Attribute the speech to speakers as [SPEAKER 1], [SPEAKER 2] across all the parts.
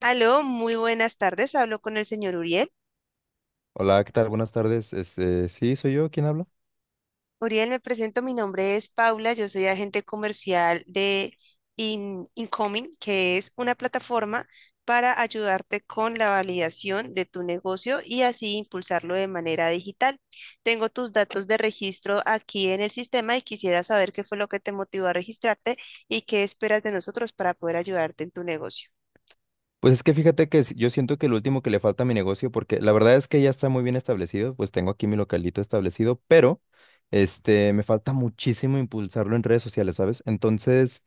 [SPEAKER 1] Aló, muy buenas tardes. Hablo con el señor Uriel.
[SPEAKER 2] Hola, ¿qué tal? Buenas tardes. Sí, soy yo. ¿Quién habla?
[SPEAKER 1] Uriel, me presento. Mi nombre es Paula. Yo soy agente comercial de Incoming, que es una plataforma para ayudarte con la validación de tu negocio y así impulsarlo de manera digital. Tengo tus datos de registro aquí en el sistema y quisiera saber qué fue lo que te motivó a registrarte y qué esperas de nosotros para poder ayudarte en tu negocio.
[SPEAKER 2] Pues es que fíjate que yo siento que lo último que le falta a mi negocio, porque la verdad es que ya está muy bien establecido, pues tengo aquí mi localito establecido, pero me falta muchísimo impulsarlo en redes sociales, ¿sabes? Entonces,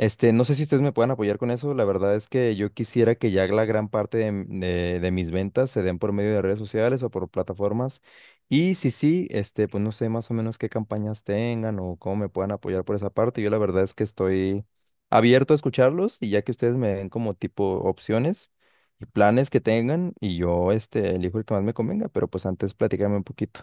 [SPEAKER 2] No sé si ustedes me puedan apoyar con eso. La verdad es que yo quisiera que ya la gran parte de mis ventas se den por medio de redes sociales o por plataformas. Y si sí, pues no sé más o menos qué campañas tengan o cómo me puedan apoyar por esa parte. Yo la verdad es que estoy abierto a escucharlos y ya que ustedes me den como tipo opciones y planes que tengan y yo elijo el que más me convenga, pero pues antes platícame un poquito.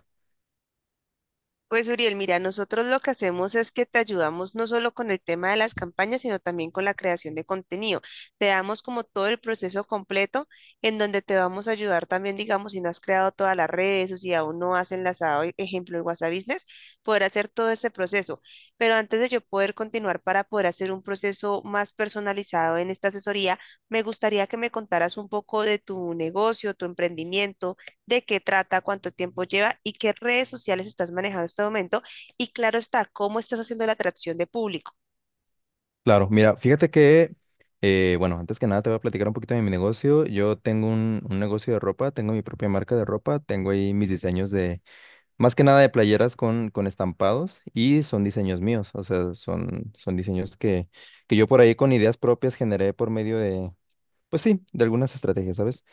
[SPEAKER 1] Pues Uriel, mira, nosotros lo que hacemos es que te ayudamos no solo con el tema de las campañas, sino también con la creación de contenido. Te damos como todo el proceso completo en donde te vamos a ayudar también, digamos, si no has creado todas las redes o si aún no has enlazado, ejemplo, el WhatsApp Business, poder hacer todo ese proceso. Pero antes de yo poder continuar para poder hacer un proceso más personalizado en esta asesoría, me gustaría que me contaras un poco de tu negocio, tu emprendimiento de qué trata, cuánto tiempo lleva y qué redes sociales estás manejando en este momento. Y claro está, cómo estás haciendo la atracción de público.
[SPEAKER 2] Claro, mira, fíjate que, bueno, antes que nada te voy a platicar un poquito de mi negocio. Yo tengo un negocio de ropa, tengo mi propia marca de ropa, tengo ahí mis diseños de, más que nada de playeras con estampados y son diseños míos, o sea, son diseños que yo por ahí con ideas propias generé por medio de, pues sí, de algunas estrategias, ¿sabes?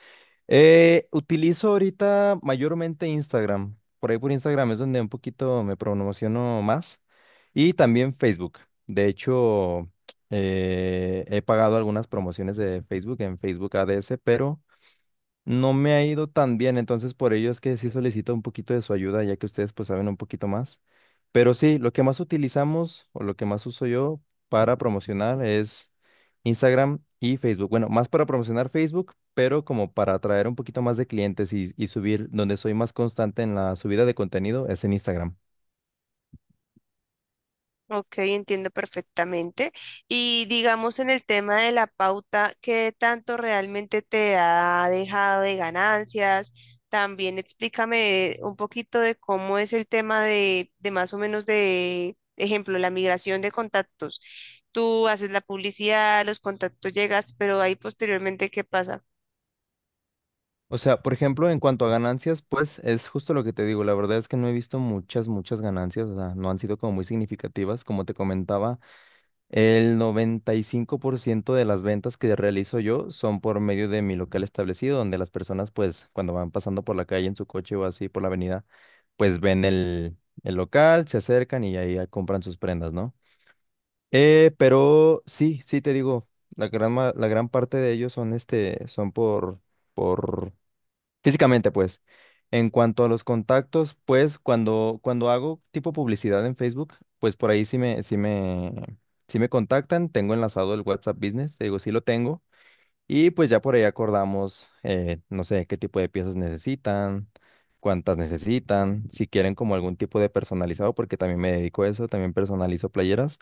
[SPEAKER 2] Utilizo ahorita mayormente Instagram. Por ahí por Instagram es donde un poquito me promociono más. Y también Facebook. De hecho, he pagado algunas promociones de Facebook en Facebook Ads, pero no me ha ido tan bien, entonces por ello es que sí solicito un poquito de su ayuda, ya que ustedes pues saben un poquito más. Pero sí, lo que más utilizamos o lo que más uso yo para promocionar es Instagram y Facebook. Bueno, más para promocionar Facebook, pero como para atraer un poquito más de clientes y subir, donde soy más constante en la subida de contenido es en Instagram.
[SPEAKER 1] Ok, entiendo perfectamente. Y digamos en el tema de la pauta, ¿qué tanto realmente te ha dejado de ganancias? También explícame un poquito de cómo es el tema de más o menos de, ejemplo, la migración de contactos. Tú haces la publicidad, los contactos llegas, pero ahí posteriormente, ¿qué pasa?
[SPEAKER 2] O sea, por ejemplo, en cuanto a ganancias, pues es justo lo que te digo. La verdad es que no he visto muchas, muchas ganancias. O sea, no han sido como muy significativas. Como te comentaba, el 95% de las ventas que realizo yo son por medio de mi local establecido, donde las personas, pues, cuando van pasando por la calle en su coche o así por la avenida, pues ven el local, se acercan y ahí ya compran sus prendas, ¿no? Pero sí, sí te digo, la gran parte de ellos son son por físicamente, pues. En cuanto a los contactos, pues cuando hago tipo publicidad en Facebook, pues por ahí sí me contactan. Tengo enlazado el WhatsApp Business, te digo, sí lo tengo. Y pues ya por ahí acordamos, no sé, qué tipo de piezas necesitan, cuántas necesitan, si quieren como algún tipo de personalizado, porque también me dedico a eso, también personalizo playeras,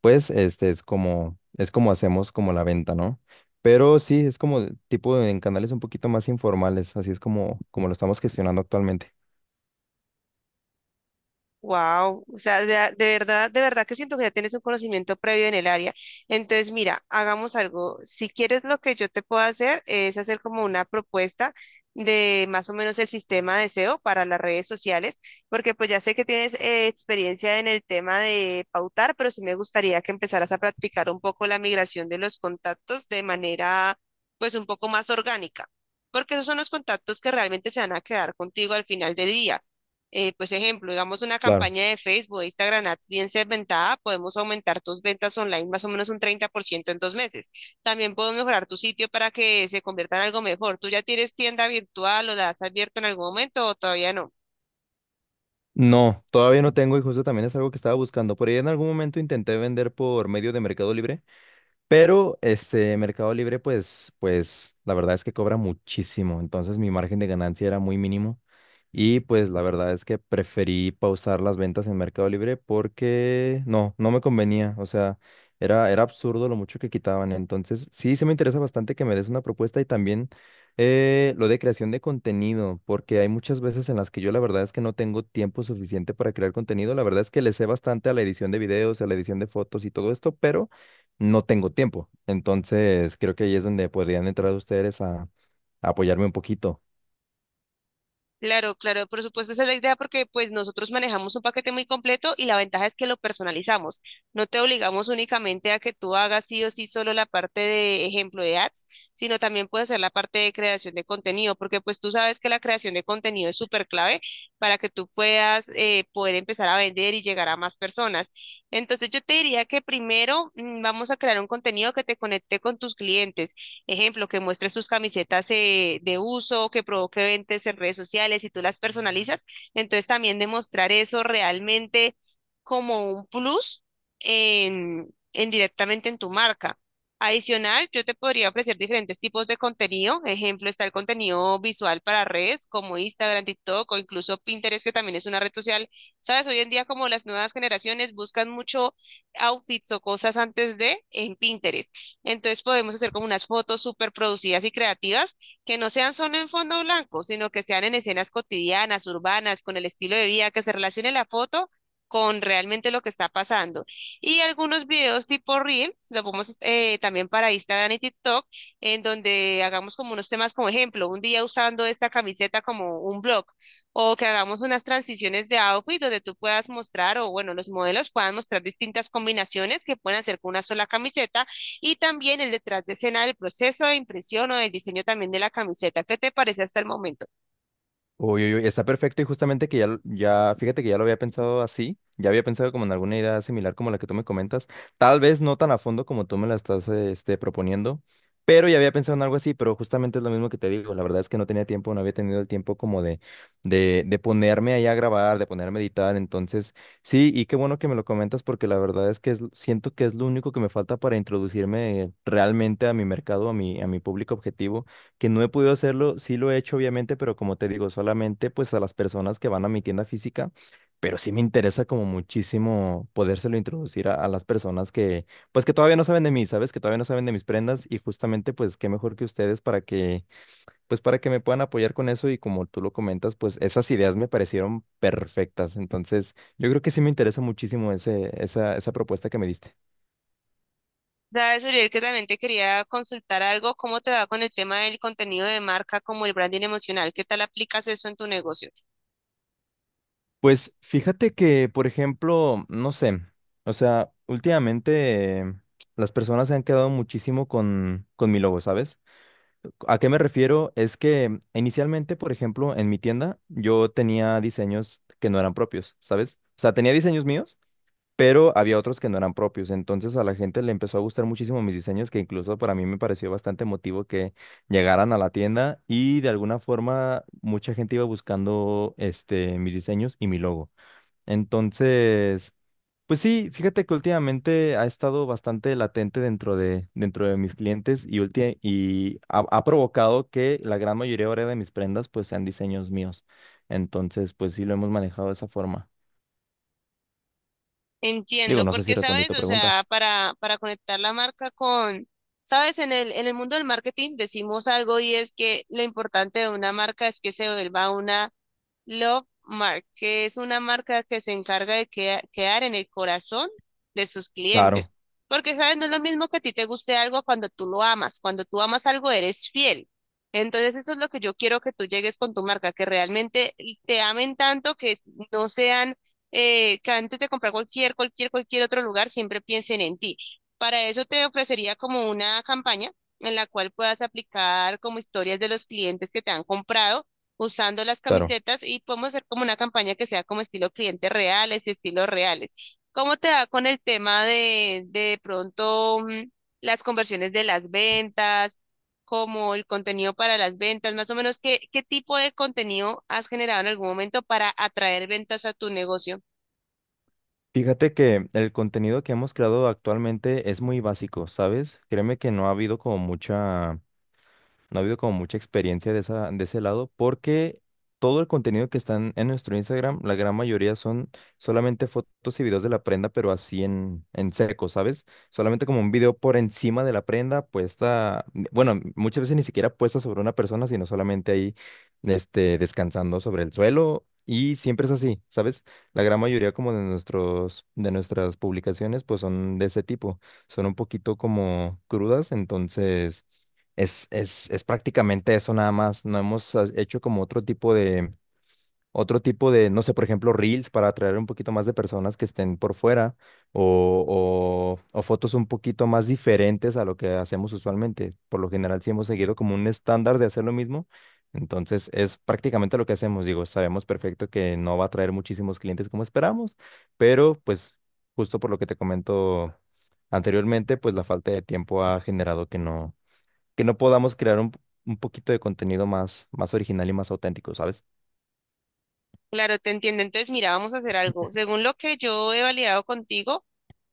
[SPEAKER 2] pues este es como hacemos como la venta, ¿no? Pero sí, es como en canales un poquito más informales, así es como lo estamos gestionando actualmente.
[SPEAKER 1] Wow, o sea, de verdad que siento que ya tienes un conocimiento previo en el área. Entonces, mira, hagamos algo. Si quieres, lo que yo te puedo hacer es hacer como una propuesta de más o menos el sistema de SEO para las redes sociales, porque pues ya sé que tienes experiencia en el tema de pautar, pero sí me gustaría que empezaras a practicar un poco la migración de los contactos de manera pues un poco más orgánica, porque esos son los contactos que realmente se van a quedar contigo al final del día pues ejemplo, digamos una
[SPEAKER 2] Claro.
[SPEAKER 1] campaña de Facebook o Instagram Ads bien segmentada, podemos aumentar tus ventas online más o menos un 30% en 2 meses. También puedo mejorar tu sitio para que se convierta en algo mejor. ¿Tú ya tienes tienda virtual o la has abierto en algún momento o todavía no?
[SPEAKER 2] No, todavía no tengo y justo también es algo que estaba buscando. Por ahí en algún momento intenté vender por medio de Mercado Libre. Pero Mercado Libre, pues la verdad es que cobra muchísimo. Entonces mi margen de ganancia era muy mínimo. Y pues la verdad es que preferí pausar las ventas en Mercado Libre porque no me convenía. O sea, era absurdo lo mucho que quitaban. Entonces, sí, se me interesa bastante que me des una propuesta y también lo de creación de contenido, porque hay muchas veces en las que yo la verdad es que no tengo tiempo suficiente para crear contenido. La verdad es que le sé bastante a la edición de videos, a la edición de fotos y todo esto, pero no tengo tiempo. Entonces, creo que ahí es donde podrían entrar ustedes a apoyarme un poquito.
[SPEAKER 1] Claro, claro, por supuesto, esa es la idea porque pues nosotros manejamos un paquete muy completo y la ventaja es que lo personalizamos. No te obligamos únicamente a que tú hagas sí o sí solo la parte de ejemplo de ads, sino también puedes hacer la parte de creación de contenido, porque pues tú sabes que la creación de contenido es súper clave para que tú puedas poder empezar a vender y llegar a más personas. Entonces yo te diría que primero vamos a crear un contenido que te conecte con tus clientes. Ejemplo, que muestre sus camisetas de uso, que provoque ventas en redes sociales y tú las personalizas. Entonces también demostrar eso realmente como un plus en directamente en tu marca. Adicional, yo te podría ofrecer diferentes tipos de contenido. Ejemplo, está el contenido visual para redes como Instagram, TikTok o incluso Pinterest, que también es una red social. Sabes, hoy en día como las nuevas generaciones buscan mucho outfits o cosas antes de en Pinterest. Entonces podemos hacer como unas fotos súper producidas y creativas que no sean solo en fondo blanco, sino que sean en escenas cotidianas, urbanas, con el estilo de vida, que se relacione la foto con realmente lo que está pasando. Y algunos videos tipo Reel, lo ponemos también para Instagram y TikTok, en donde hagamos como unos temas como ejemplo, un día usando esta camiseta como un blog, o que hagamos unas transiciones de outfit donde tú puedas mostrar, o bueno, los modelos puedan mostrar distintas combinaciones que pueden hacer con una sola camiseta y también el detrás de escena del proceso de impresión o del diseño también de la camiseta. ¿Qué te parece hasta el momento?
[SPEAKER 2] Uy, uy, uy, está perfecto y justamente que ya, fíjate que ya lo había pensado así, ya había pensado como en alguna idea similar como la que tú me comentas, tal vez no tan a fondo como tú me la estás proponiendo, pero ya había pensado en algo así, pero justamente es lo mismo que te digo, la verdad es que no tenía tiempo, no había tenido el tiempo como de ponerme ahí a grabar, de ponerme a editar, entonces sí, y qué bueno que me lo comentas porque la verdad es que siento que es lo único que me falta para introducirme realmente a mi mercado, a mi público objetivo que no he podido hacerlo, sí lo he hecho obviamente, pero como te digo, solamente pues a las personas que van a mi tienda física, pero sí me interesa como muchísimo podérselo introducir a las personas que pues que todavía no saben de mí, ¿sabes? Que todavía no saben de mis prendas y justamente pues qué mejor que ustedes para que pues para que me puedan apoyar con eso y como tú lo comentas, pues esas ideas me parecieron perfectas, entonces yo creo que sí me interesa muchísimo esa propuesta que me diste.
[SPEAKER 1] Sabes, Uriel, que también te quería consultar algo, ¿cómo te va con el tema del contenido de marca como el branding emocional? ¿Qué tal aplicas eso en tu negocio?
[SPEAKER 2] Pues fíjate que, por ejemplo, no sé, o sea, últimamente las personas se han quedado muchísimo con mi logo, ¿sabes? ¿A qué me refiero? Es que inicialmente, por ejemplo, en mi tienda yo tenía diseños que no eran propios, ¿sabes? O sea, tenía diseños míos, pero había otros que no eran propios. Entonces a la gente le empezó a gustar muchísimo mis diseños, que incluso para mí me pareció bastante emotivo que llegaran a la tienda y de alguna forma mucha gente iba buscando mis diseños y mi logo. Entonces, pues sí, fíjate que últimamente ha estado bastante latente dentro de mis clientes y, y ha provocado que la gran mayoría ahora de mis prendas pues sean diseños míos. Entonces, pues sí lo hemos manejado de esa forma. Digo,
[SPEAKER 1] Entiendo,
[SPEAKER 2] no sé si
[SPEAKER 1] porque
[SPEAKER 2] respondí tu
[SPEAKER 1] sabes, o
[SPEAKER 2] pregunta.
[SPEAKER 1] sea, para conectar la marca con, sabes, en en el mundo del marketing decimos algo y es que lo importante de una marca es que se vuelva una Love Mark, que es una marca que se encarga de quedar en el corazón de sus
[SPEAKER 2] Claro,
[SPEAKER 1] clientes. Porque, ¿sabes? No es lo mismo que a ti te guste algo cuando tú lo amas. Cuando tú amas algo, eres fiel. Entonces, eso es lo que yo quiero que tú llegues con tu marca, que realmente te amen tanto que no sean, que antes de comprar cualquier otro lugar, siempre piensen en ti. Para eso te ofrecería como una campaña en la cual puedas aplicar como historias de los clientes que te han comprado usando las
[SPEAKER 2] claro.
[SPEAKER 1] camisetas y podemos hacer como una campaña que sea como estilo clientes reales y estilos reales. ¿Cómo te va con el tema de pronto las conversiones de las ventas, como el contenido para las ventas, más o menos qué tipo de contenido has generado en algún momento para atraer ventas a tu negocio?
[SPEAKER 2] Fíjate que el contenido que hemos creado actualmente es muy básico, ¿sabes? Créeme que no ha habido como mucha... no ha habido como mucha experiencia de de ese lado porque todo el contenido que están en nuestro Instagram, la gran mayoría son solamente fotos y videos de la prenda, pero así en seco, ¿sabes? Solamente como un video por encima de la prenda puesta, bueno, muchas veces ni siquiera puesta sobre una persona, sino solamente ahí, descansando sobre el suelo. Y siempre es así, ¿sabes? La gran mayoría como de nuestros, de nuestras publicaciones, pues son de ese tipo. Son un poquito como crudas, entonces... Es prácticamente eso nada más. No hemos hecho como otro tipo de, no sé, por ejemplo, reels para atraer un poquito más de personas que estén por fuera o fotos un poquito más diferentes a lo que hacemos usualmente. Por lo general, sí hemos seguido como un estándar de hacer lo mismo. Entonces, es prácticamente lo que hacemos. Digo, sabemos perfecto que no va a traer muchísimos clientes como esperamos, pero pues justo por lo que te comento anteriormente, pues la falta de tiempo ha generado que no podamos crear un poquito de contenido más, más original y más auténtico, ¿sabes?
[SPEAKER 1] Claro, te entiendo. Entonces, mira, vamos a hacer algo. Según lo que yo he validado contigo,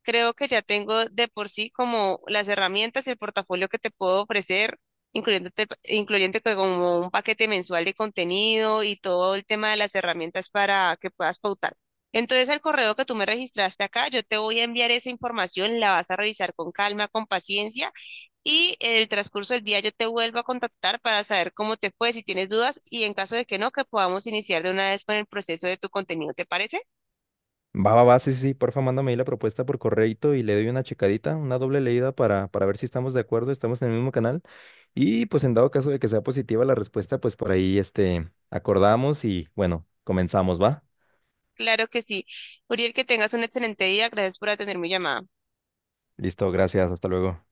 [SPEAKER 1] creo que ya tengo de por sí como las herramientas y el portafolio que te puedo ofrecer, incluyéndote, incluyente que como un paquete mensual de contenido y todo el tema de las herramientas para que puedas pautar. Entonces, al correo que tú me registraste acá, yo te voy a enviar esa información, la vas a revisar con calma, con paciencia y en el transcurso del día yo te vuelvo a contactar para saber cómo te fue, si tienes dudas y en caso de que no, que podamos iniciar de una vez con el proceso de tu contenido. ¿Te parece?
[SPEAKER 2] Va, va, va, sí, sí, sí, porfa, mándame ahí la propuesta por correo y le doy una checadita, una doble leída para ver si estamos de acuerdo, estamos en el mismo canal. Y pues en dado caso de que sea positiva la respuesta, pues por ahí acordamos y bueno, comenzamos, ¿va?
[SPEAKER 1] Claro que sí. Uriel, que tengas un excelente día. Gracias por atender mi llamada.
[SPEAKER 2] Listo, gracias, hasta luego.